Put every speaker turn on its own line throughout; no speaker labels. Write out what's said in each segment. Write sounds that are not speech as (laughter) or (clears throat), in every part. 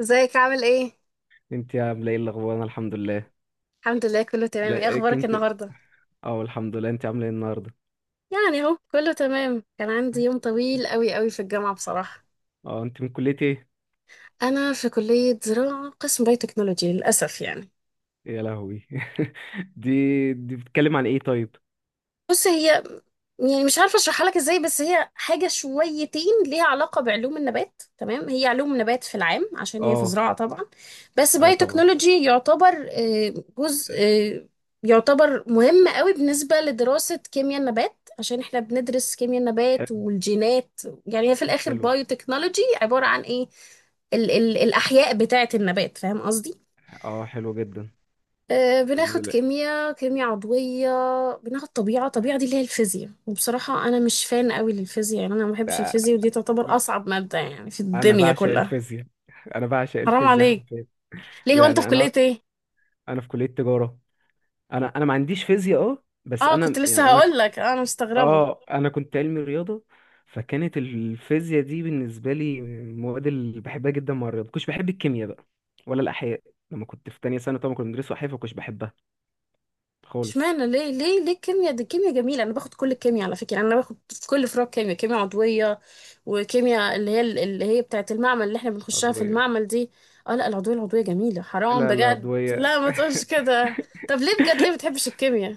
ازيك عامل ايه؟
انت عامله ايه الاخبار؟ انا الحمد لله.
الحمد لله، كله تمام.
لا،
ايه
إيه
اخبارك
كنت...
النهارده؟
اه الحمد لله. انت عامله ايه النهارده؟
يعني اهو كله تمام، كان عندي يوم طويل قوي قوي في الجامعة بصراحة.
اه انت من كليه ايه؟
انا في كلية زراعة قسم بايوتكنولوجي للاسف يعني.
يا لهوي. (laughs) دي بتتكلم عن ايه طيب؟
بص، هي يعني مش عارفه اشرحها لك ازاي، بس هي حاجه شويتين ليها علاقه بعلوم النبات، تمام. هي علوم نبات في العام عشان هي في
اه،
زراعه طبعا. بس
ايوه
باي
طبعا.
تكنولوجي يعتبر جزء، يعتبر مهم قوي بالنسبه لدراسه كيمياء النبات، عشان احنا بندرس كيمياء النبات
حلو.
والجينات. يعني هي في الاخر
حلو.
بايو تكنولوجي عباره عن ايه؟ ال الاحياء بتاعه النبات، فاهم قصدي.
اه، حلو جدا.
بناخد
جميلة.
كيمياء عضوية. بناخد طبيعة دي اللي هي الفيزياء، وبصراحة أنا مش فان قوي للفيزياء، يعني أنا ما بحبش
بقى-
الفيزياء، ودي تعتبر
بقى-
أصعب مادة يعني في
انا
الدنيا
بعشق
كلها.
الفيزياء. انا بعشق
حرام
الفيزياء
عليك!
حرفيا.
ليه، هو أنت في
يعني انا
كلية إيه؟
انا في كليه تجاره. انا ما عنديش فيزياء، بس
آه، كنت
انا،
لسه
يعني انا...
هقول لك أنا مستغربة.
اه انا كنت علمي رياضه. فكانت الفيزياء دي بالنسبه لي من المواد اللي بحبها جدا مع الرياضه. كنتش بحب الكيمياء بقى، ولا الاحياء. لما كنت في تانية سنه طبعا كنا بندرس احياء فكنتش بحبها خالص.
اشمعنى؟ ليه الكيمياء؟ دي الكيمياء جميله، انا باخد كل الكيمياء على فكره، انا باخد في كل فروع كيمياء عضويه، وكيمياء اللي هي بتاعه المعمل اللي احنا بنخشها في
عضويه.
المعمل دي. اه، لا، العضويه، العضويه جميله حرام
لا، لا،
بجد،
عضويه.
لا ما تقولش كده. طب ليه بجد، ليه بتحبش الكيمياء؟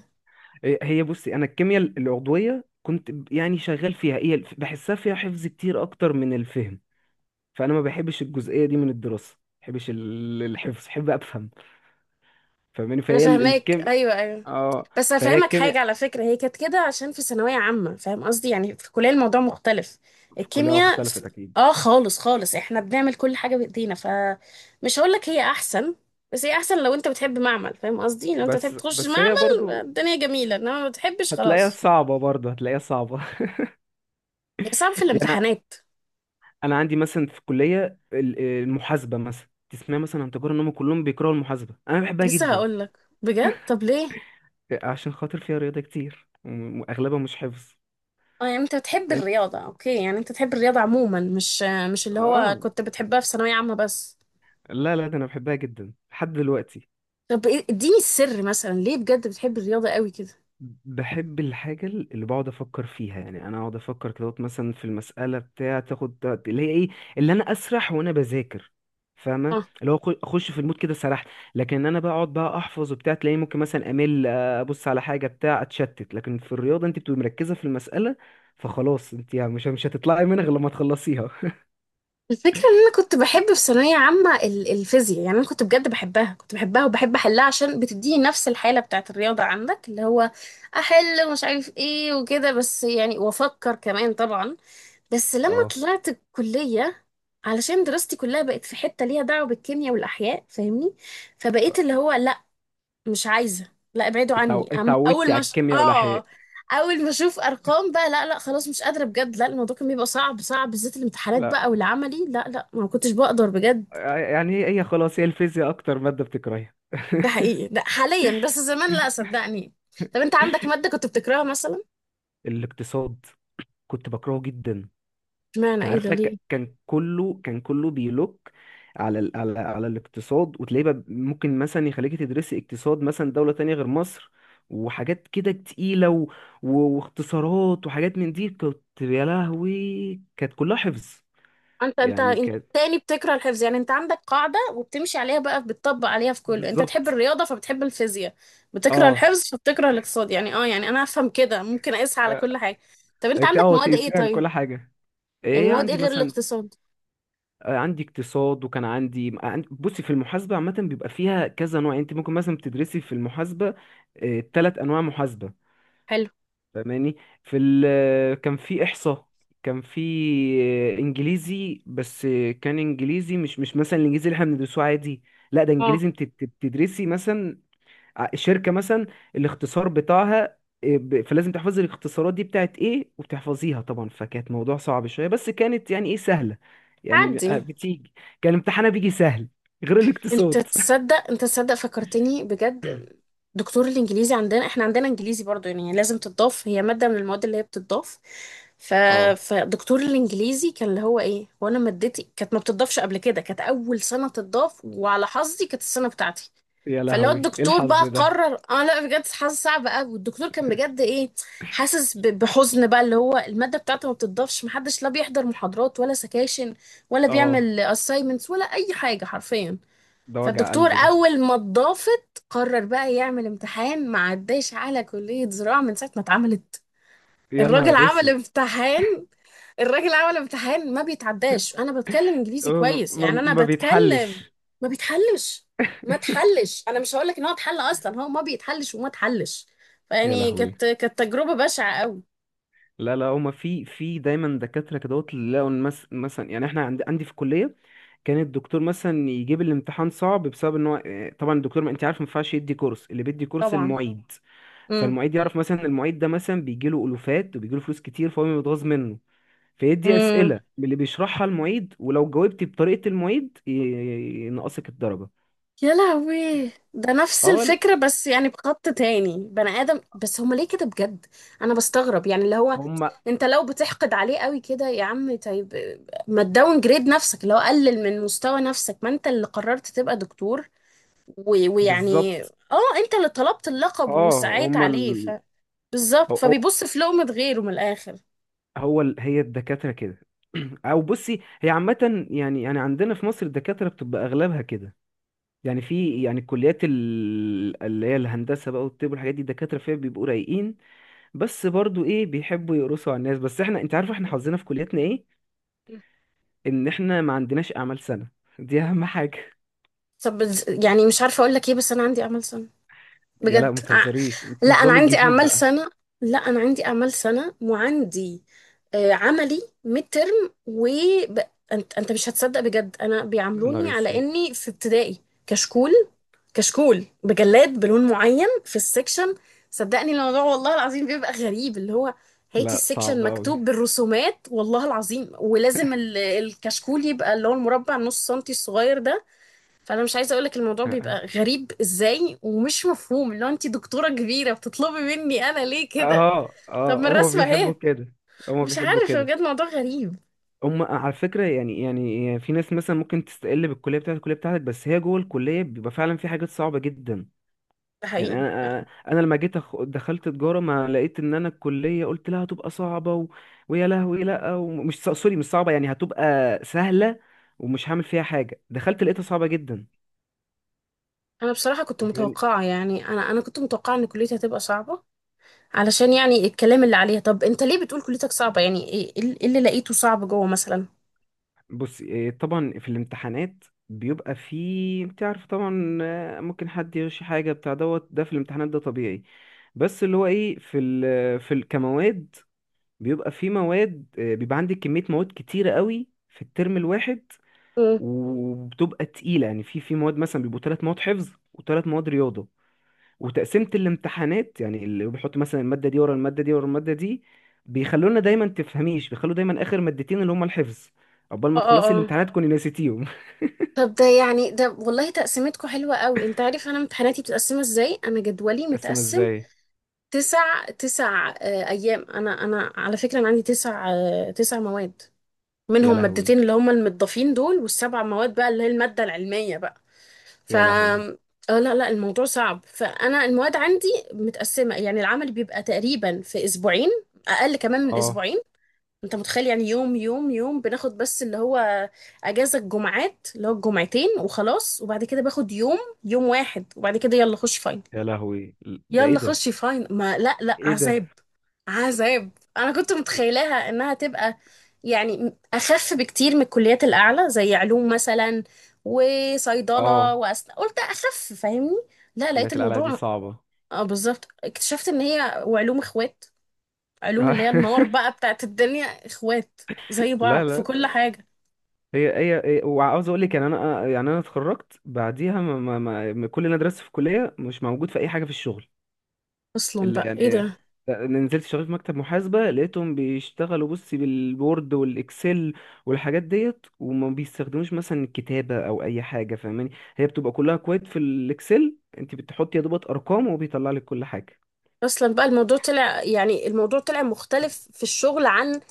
هي بصي، انا الكيمياء العضويه كنت يعني شغال فيها. هي بحسها فيها حفظ كتير اكتر من الفهم. فانا ما بحبش الجزئيه دي من الدراسه، ما بحبش الحفظ، بحب افهم. فاهماني؟
انا
فهي
فاهماك،
الكيمياء.
ايوه ايوه.
اه
بس
فهي
هفهمك حاجة
الكيمياء
على فكرة، هي كانت كده عشان في ثانوية عامة، فاهم قصدي، يعني في الكلية الموضوع مختلف.
كلها
الكيمياء ف...
اختلفت اكيد.
اه خالص خالص، احنا بنعمل كل حاجة بايدينا، فمش هقولك هي احسن، بس هي احسن لو انت بتحب معمل، فاهم قصدي، لو انت
بس
بتحب تخش
بس هي
معمل
برضو
الدنيا جميلة، انما ما بتحبش
هتلاقيها
خلاص.
صعبة، برضو هتلاقيها صعبة.
هي صعب في
(laughs) يعني أنا
الامتحانات.
أنا عندي مثلا في الكلية المحاسبة. مثلا تسمع مثلا عن تجارة إن هم كلهم بيكرهوا المحاسبة، أنا بحبها
لسه
جدا.
هقولك بجد، طب ليه؟
عشان خاطر فيها رياضة كتير، وأغلبها مش حفظ.
اه، يعني انت بتحب
لأن...
الرياضة، اوكي، يعني انت بتحب الرياضة عموما، مش مش اللي هو
آه
كنت بتحبها في ثانوية عامة بس؟
لا، لا، ده أنا بحبها جدا لحد دلوقتي.
طب اديني السر مثلا، ليه بجد بتحب الرياضة قوي كده؟
بحب الحاجة اللي بقعد أفكر فيها، يعني أنا أقعد أفكر كده مثلا في المسألة بتاع تاخد وقت، اللي هي إيه، اللي أنا أسرح وأنا بذاكر. فاهمة؟
آه.
اللي هو أخش في المود كده سرحت. لكن إن أنا بقى أقعد بقى أحفظ وبتاع، تلاقيني ممكن مثلا أمل، أبص على حاجة بتاع أتشتت. لكن في الرياضة أنت بتبقي مركزة في المسألة. فخلاص أنت يعني مش هتطلعي منها غير لما تخلصيها. (laughs)
الفكرة ان انا كنت بحب في ثانوية عامة الفيزياء، يعني انا كنت بجد بحبها، كنت بحبها وبحب احلها عشان بتديني نفس الحالة بتاعت الرياضة عندك، اللي هو احل ومش عارف ايه وكده، بس يعني وافكر كمان طبعا. بس لما
أه.
طلعت الكلية، علشان دراستي كلها بقت في حتة ليها دعوة بالكيمياء والاحياء، فاهمني. فبقيت اللي هو لا، مش عايزة، لا ابعدوا عني، أم
اتعودتي
اول ما
على
ش...
الكيمياء والأحياء؟
اه. اول ما اشوف ارقام بقى، لا لا خلاص، مش قادرة بجد، لا، الموضوع كان بيبقى صعب صعب بالذات الامتحانات
لا.
بقى والعملي، لا لا ما كنتش بقدر بجد.
يعني هي خلاص، هي الفيزياء أكتر مادة بتكرهيها؟
ده
(laughs)
حقيقي، لا حاليا، بس زمان لا صدقني. طب انت عندك مادة كنت بتكرهها مثلا؟
الاقتصاد. كنت بكرهه جدا.
اشمعنى،
كان
ايه ده،
عارفه،
ليه؟
كان كله بيلوك على ال- على على الاقتصاد. وتلاقيه بقى ممكن مثلا يخليكي تدرسي اقتصاد مثلا دولة تانية غير مصر، وحاجات كده تقيلة، و... واختصارات وحاجات من دي. كنت، يا لهوي، كانت كلها حفظ.
انت انت
يعني
انت
كانت...
تاني بتكره الحفظ، يعني انت عندك قاعدة وبتمشي عليها بقى، بتطبق عليها في كله، انت بتحب
بالظبط.
الرياضة فبتحب الفيزياء، بتكره
اه
الحفظ فبتكره الاقتصاد، يعني اه، يعني انا افهم كده، ممكن اقيسها على
اه
كل حاجة. طب انت عندك مواد ايه
تقيسيها
طيب؟
لكل حاجة.
يعني
ايه
مواد ايه
عندي
غير
مثلا.
الاقتصاد؟
عندي اقتصاد، وكان عندي بصي، في المحاسبة عامة بيبقى فيها كذا نوع. يعني انت ممكن مثلا بتدرسي في المحاسبة ثلاث انواع محاسبة.
حلو.
فاهماني؟ في ال كان في احصاء. كان في... انجليزي بس، كان انجليزي، مش مثلا الانجليزي اللي احنا بندرسوه عادي. لا، ده
اه.
انجليزي انت بتدرسي مثلا الشركة مثلا، الاختصار بتاعها. إيه، فلازم تحفظي الاختصارات دي بتاعت ايه وتحفظيها طبعا. فكانت موضوع صعب شوية، بس كانت يعني ايه سهلة. يعني
عدي.
بتيجي. كان امتحانها بيجي سهل. غير
انت
الاقتصاد.
تصدق، انت تصدق فكرتني بجد.
(laughs) (coughs)
دكتور الانجليزي عندنا، احنا عندنا انجليزي برضو، يعني لازم تضاف، هي مادة من المواد اللي هي بتضاف. ف...
اه
فدكتور الانجليزي كان اللي هو ايه، وانا مادتي كانت ما بتضافش قبل كده، كانت اول سنة تضاف وعلى حظي كانت السنة بتاعتي.
يا
فاللي هو
لهوي، ايه
الدكتور بقى
الحظ ده.
قرر، اه لا بجد، حاسه صعب قوي، والدكتور كان بجد ايه، حاسس بحزن بقى، اللي هو الماده بتاعته ما بتضافش، محدش لا بيحضر محاضرات ولا سكاشن، ولا
اه
بيعمل assignments ولا اي حاجه حرفيا.
ده وجع
فالدكتور
قلبي ده.
اول ما اتضافت قرر بقى يعمل امتحان ما عداش على كليه زراعه من ساعه ما اتعملت.
يا
الراجل
نهار
عمل
اسود.
امتحان، الراجل عمل امتحان ما بيتعداش، انا بتكلم
أه،
انجليزي
ما
كويس،
ما-
يعني انا
ما
بتكلم.
بيتحلش.
ما بيتحلش، ما اتحلش، انا مش هقول لك ان هو اتحل، اصلا هو ما بيتحلش وما اتحلش.
يا
فيعني
لهوي.
كانت تجربة بشعة قوي.
لا، لا، هما في دايما دكاترة كدهوت اللي لقوا إن مثلا، يعني احنا عندي في الكلية كان الدكتور مثلا يجيب الامتحان صعب بسبب ان هو، طبعا الدكتور، ما انت عارف، ما ينفعش يدي كورس، اللي بيدي كورس
طبعا.
المعيد.
امم.
فالمعيد يعرف، مثلا المعيد ده مثلا بيجي له ألوفات وبيجي له فلوس كتير فهو بيتغاظ منه. فيدي
امم.
أسئلة من اللي بيشرحها المعيد، ولو جاوبت بطريقة المعيد ينقصك الدرجة.
يا لهوي. ده نفس
اه ال-
الفكرة، بس يعني بخط تاني بني آدم، بس هما ليه كده بجد؟ أنا بستغرب يعني اللي هو،
هما.
أنت لو بتحقد عليه قوي كده يا عم طيب، ما تداون جريد نفسك، اللي هو قلل من مستوى نفسك، ما أنت اللي قررت تبقى دكتور، و- ويعني
بالظبط.
اه، انت اللي طلبت اللقب
اه
وسعيت
هما
عليه ف. بالظبط،
هو
فبيبص في لقمة غيره من الاخر.
هي الدكاترة كده. (clears throat) او بصي، هي عامة، يعني عندنا في مصر الدكاترة بتبقى اغلبها كده. يعني في، يعني الكليات اللي هي الهندسة بقى والطب والحاجات دي الدكاترة فيها بيبقوا رايقين. بس برضو ايه، بيحبوا يقرصوا على الناس. بس احنا، انت عارف، احنا حظنا في كلياتنا ايه، ان احنا ما عندناش اعمال سنة. دي اهم حاجة.
طب يعني مش عارفة اقول لك ايه، بس انا عندي اعمال سنة.
(laughs) يا
بجد
لا ما تهزريش. انت
لا انا
النظام
عندي
الجديد
اعمال
بقى.
سنة، لا انا عندي اعمال سنة، وعندي عملي ميد ترم و ب... انت مش هتصدق بجد، انا
يا
بيعاملوني
نهار
على
اسود.
اني في ابتدائي. كشكول، كشكول بجلاد بلون معين في السكشن، صدقني الموضوع والله العظيم بيبقى غريب، اللي هو هاتي
لا،
السكشن
صعب قوي.
مكتوب بالرسومات والله العظيم، ولازم الكشكول يبقى اللي هو المربع نص سنتي الصغير ده. فانا مش عايزه اقولك الموضوع
اه،
بيبقى غريب ازاي ومش مفهوم، اللي هو انت دكتوره كبيره بتطلبي مني انا ليه كده.
اه،
طب ما
هما
الرسمه
بيحبوا
اهي!
كده. هما
مش
بيحبوا
عارف
كده.
بجد، موضوع غريب.
هم على فكرة، يعني في ناس مثلا ممكن تستقل بالكلية بتاعتك، الكلية بتاعتك بس هي جوه الكلية بيبقى فعلا في حاجات صعبة جدا.
ده
يعني
حقيقي.
انا لما جيت دخلت تجارة، ما لقيت ان انا الكلية قلت لها هتبقى صعبة، و... ويا لهوي، لا، ومش سوري، مش صعبة يعني، هتبقى سهلة ومش هعمل فيها حاجة. دخلت لقيتها صعبة جدا.
انا بصراحه كنت متوقعه، يعني انا كنت متوقعه ان كليتي هتبقى صعبه، علشان يعني الكلام اللي عليها. طب انت ليه بتقول كليتك صعبة؟ يعني ايه، إيه اللي لقيته صعب جوه مثلا؟
بص إيه، طبعا في الامتحانات بيبقى فيه، انت عارف طبعا، ممكن حد يغش حاجه بتاع دوت ده في الامتحانات، ده طبيعي. بس اللي هو ايه، في ال كمواد، بيبقى فيه مواد، بيبقى عندك كميه مواد كتيره قوي في الترم الواحد،
مم.
وبتبقى تقيله. يعني في مواد مثلا بيبقوا ثلاث مواد حفظ وثلاث مواد رياضه. وتقسيمة الامتحانات، يعني اللي بيحط مثلا المادة دي ورا المادة دي ورا المادة دي، بيخلونا دايما، تفهميش، بيخلوا دايما آخر مادتين اللي هما الحفظ، عقبال
اه
ما
اه
تخلصي
اه.
الامتحانات تكوني نسيتيهم.
طب ده يعني، ده والله تقسيمتكم حلوة قوي. انت عارف انا امتحاناتي بتقسمها ازاي؟ انا جدولي
(laughs) تقسم
متقسم.
ازاي؟
تسع ايام، انا على فكرة انا عندي تسع مواد،
يا
منهم
لهوي.
مادتين اللي هما المتضافين دول، والسبع مواد بقى اللي هي المادة العلمية بقى. ف
يا لهوي.
اه لا لا الموضوع صعب، فانا المواد عندي متقسمه، يعني العمل بيبقى تقريبا في اسبوعين، اقل كمان من
اه
اسبوعين. انت متخيل؟ يعني يوم بناخد، بس اللي هو اجازه الجمعات اللي هو الجمعتين وخلاص، وبعد كده باخد يوم، يوم واحد، وبعد كده يلا خش فاينل.
يا لهوي. ده ايه
يلا
ده؟
خشي فاين، ما لا لا
ايه ده؟
عذاب. عذاب. انا كنت
لا.
متخيلاها انها تبقى يعني اخف بكتير من الكليات الاعلى زي علوم مثلا وصيدله
اه
واسنان، قلت اخف، فاهمني. لا،
كلية
لقيت
القلعة دي
الموضوع.
صعبة.
اه بالظبط، اكتشفت ان هي وعلوم اخوات، علوم اللي هي النار بقى
(laughs)
بتاعت الدنيا، اخوات زي
لا،
بعض في
لا،
كل حاجه.
وعاوز اقول لك، يعني انا اتخرجت بعديها، كل اللي انا درسته في الكليه مش موجود في اي حاجه في الشغل.
اصلا
اللي
بقى ايه
يعني،
ده،
نزلت شغال في مكتب محاسبة، لقيتهم بيشتغلوا، بصي، بالوورد والإكسل والحاجات ديت، وما بيستخدموش مثلا الكتابة أو أي حاجة. فاهماني؟ هي بتبقى كلها كويت في الإكسل، أنت بتحطي يا دوبك أرقام وبيطلع لك كل حاجة.
اصلا بقى الموضوع طلع، يعني الموضوع طلع مختلف في الشغل عن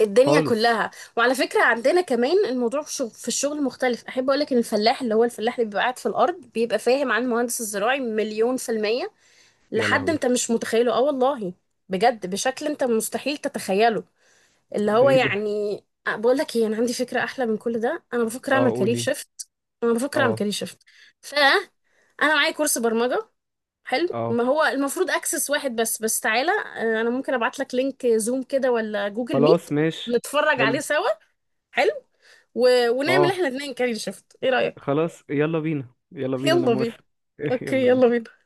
الدنيا
خالص.
كلها. وعلى فكرة عندنا كمان الموضوع في الشغل مختلف، أحب أقولك إن الفلاح اللي هو الفلاح اللي بيبقى قاعد في الأرض بيبقى فاهم عن المهندس الزراعي 1,000,000%،
يا
لحد
لهوي.
أنت مش متخيله، آه والله. بجد بشكل أنت مستحيل تتخيله، اللي
ده
هو
إيه ده؟
يعني. بقولك إيه، أنا عندي فكرة أحلى من كل ده، أنا بفكر أعمل
أه،
كارير
قولي.
شيفت. أنا بفكر أعمل
أه.
كارير شيفت. فأنا معايا كورس برمجة، حلو، ما
أه،
هو المفروض اكسس واحد بس تعالى، انا ممكن ابعت لك لينك زوم كده ولا جوجل ميت،
خلاص ماشي.
نتفرج عليه
حلو.
سوا. حلو. و... ونعمل
أه.
احنا اتنين كاري شيفت، ايه رأيك؟
خلاص، يلا بينا، يلا بينا، أنا
يلا بينا.
موافق. (laughs)
اوكي،
يلا
يلا
بينا.
بينا.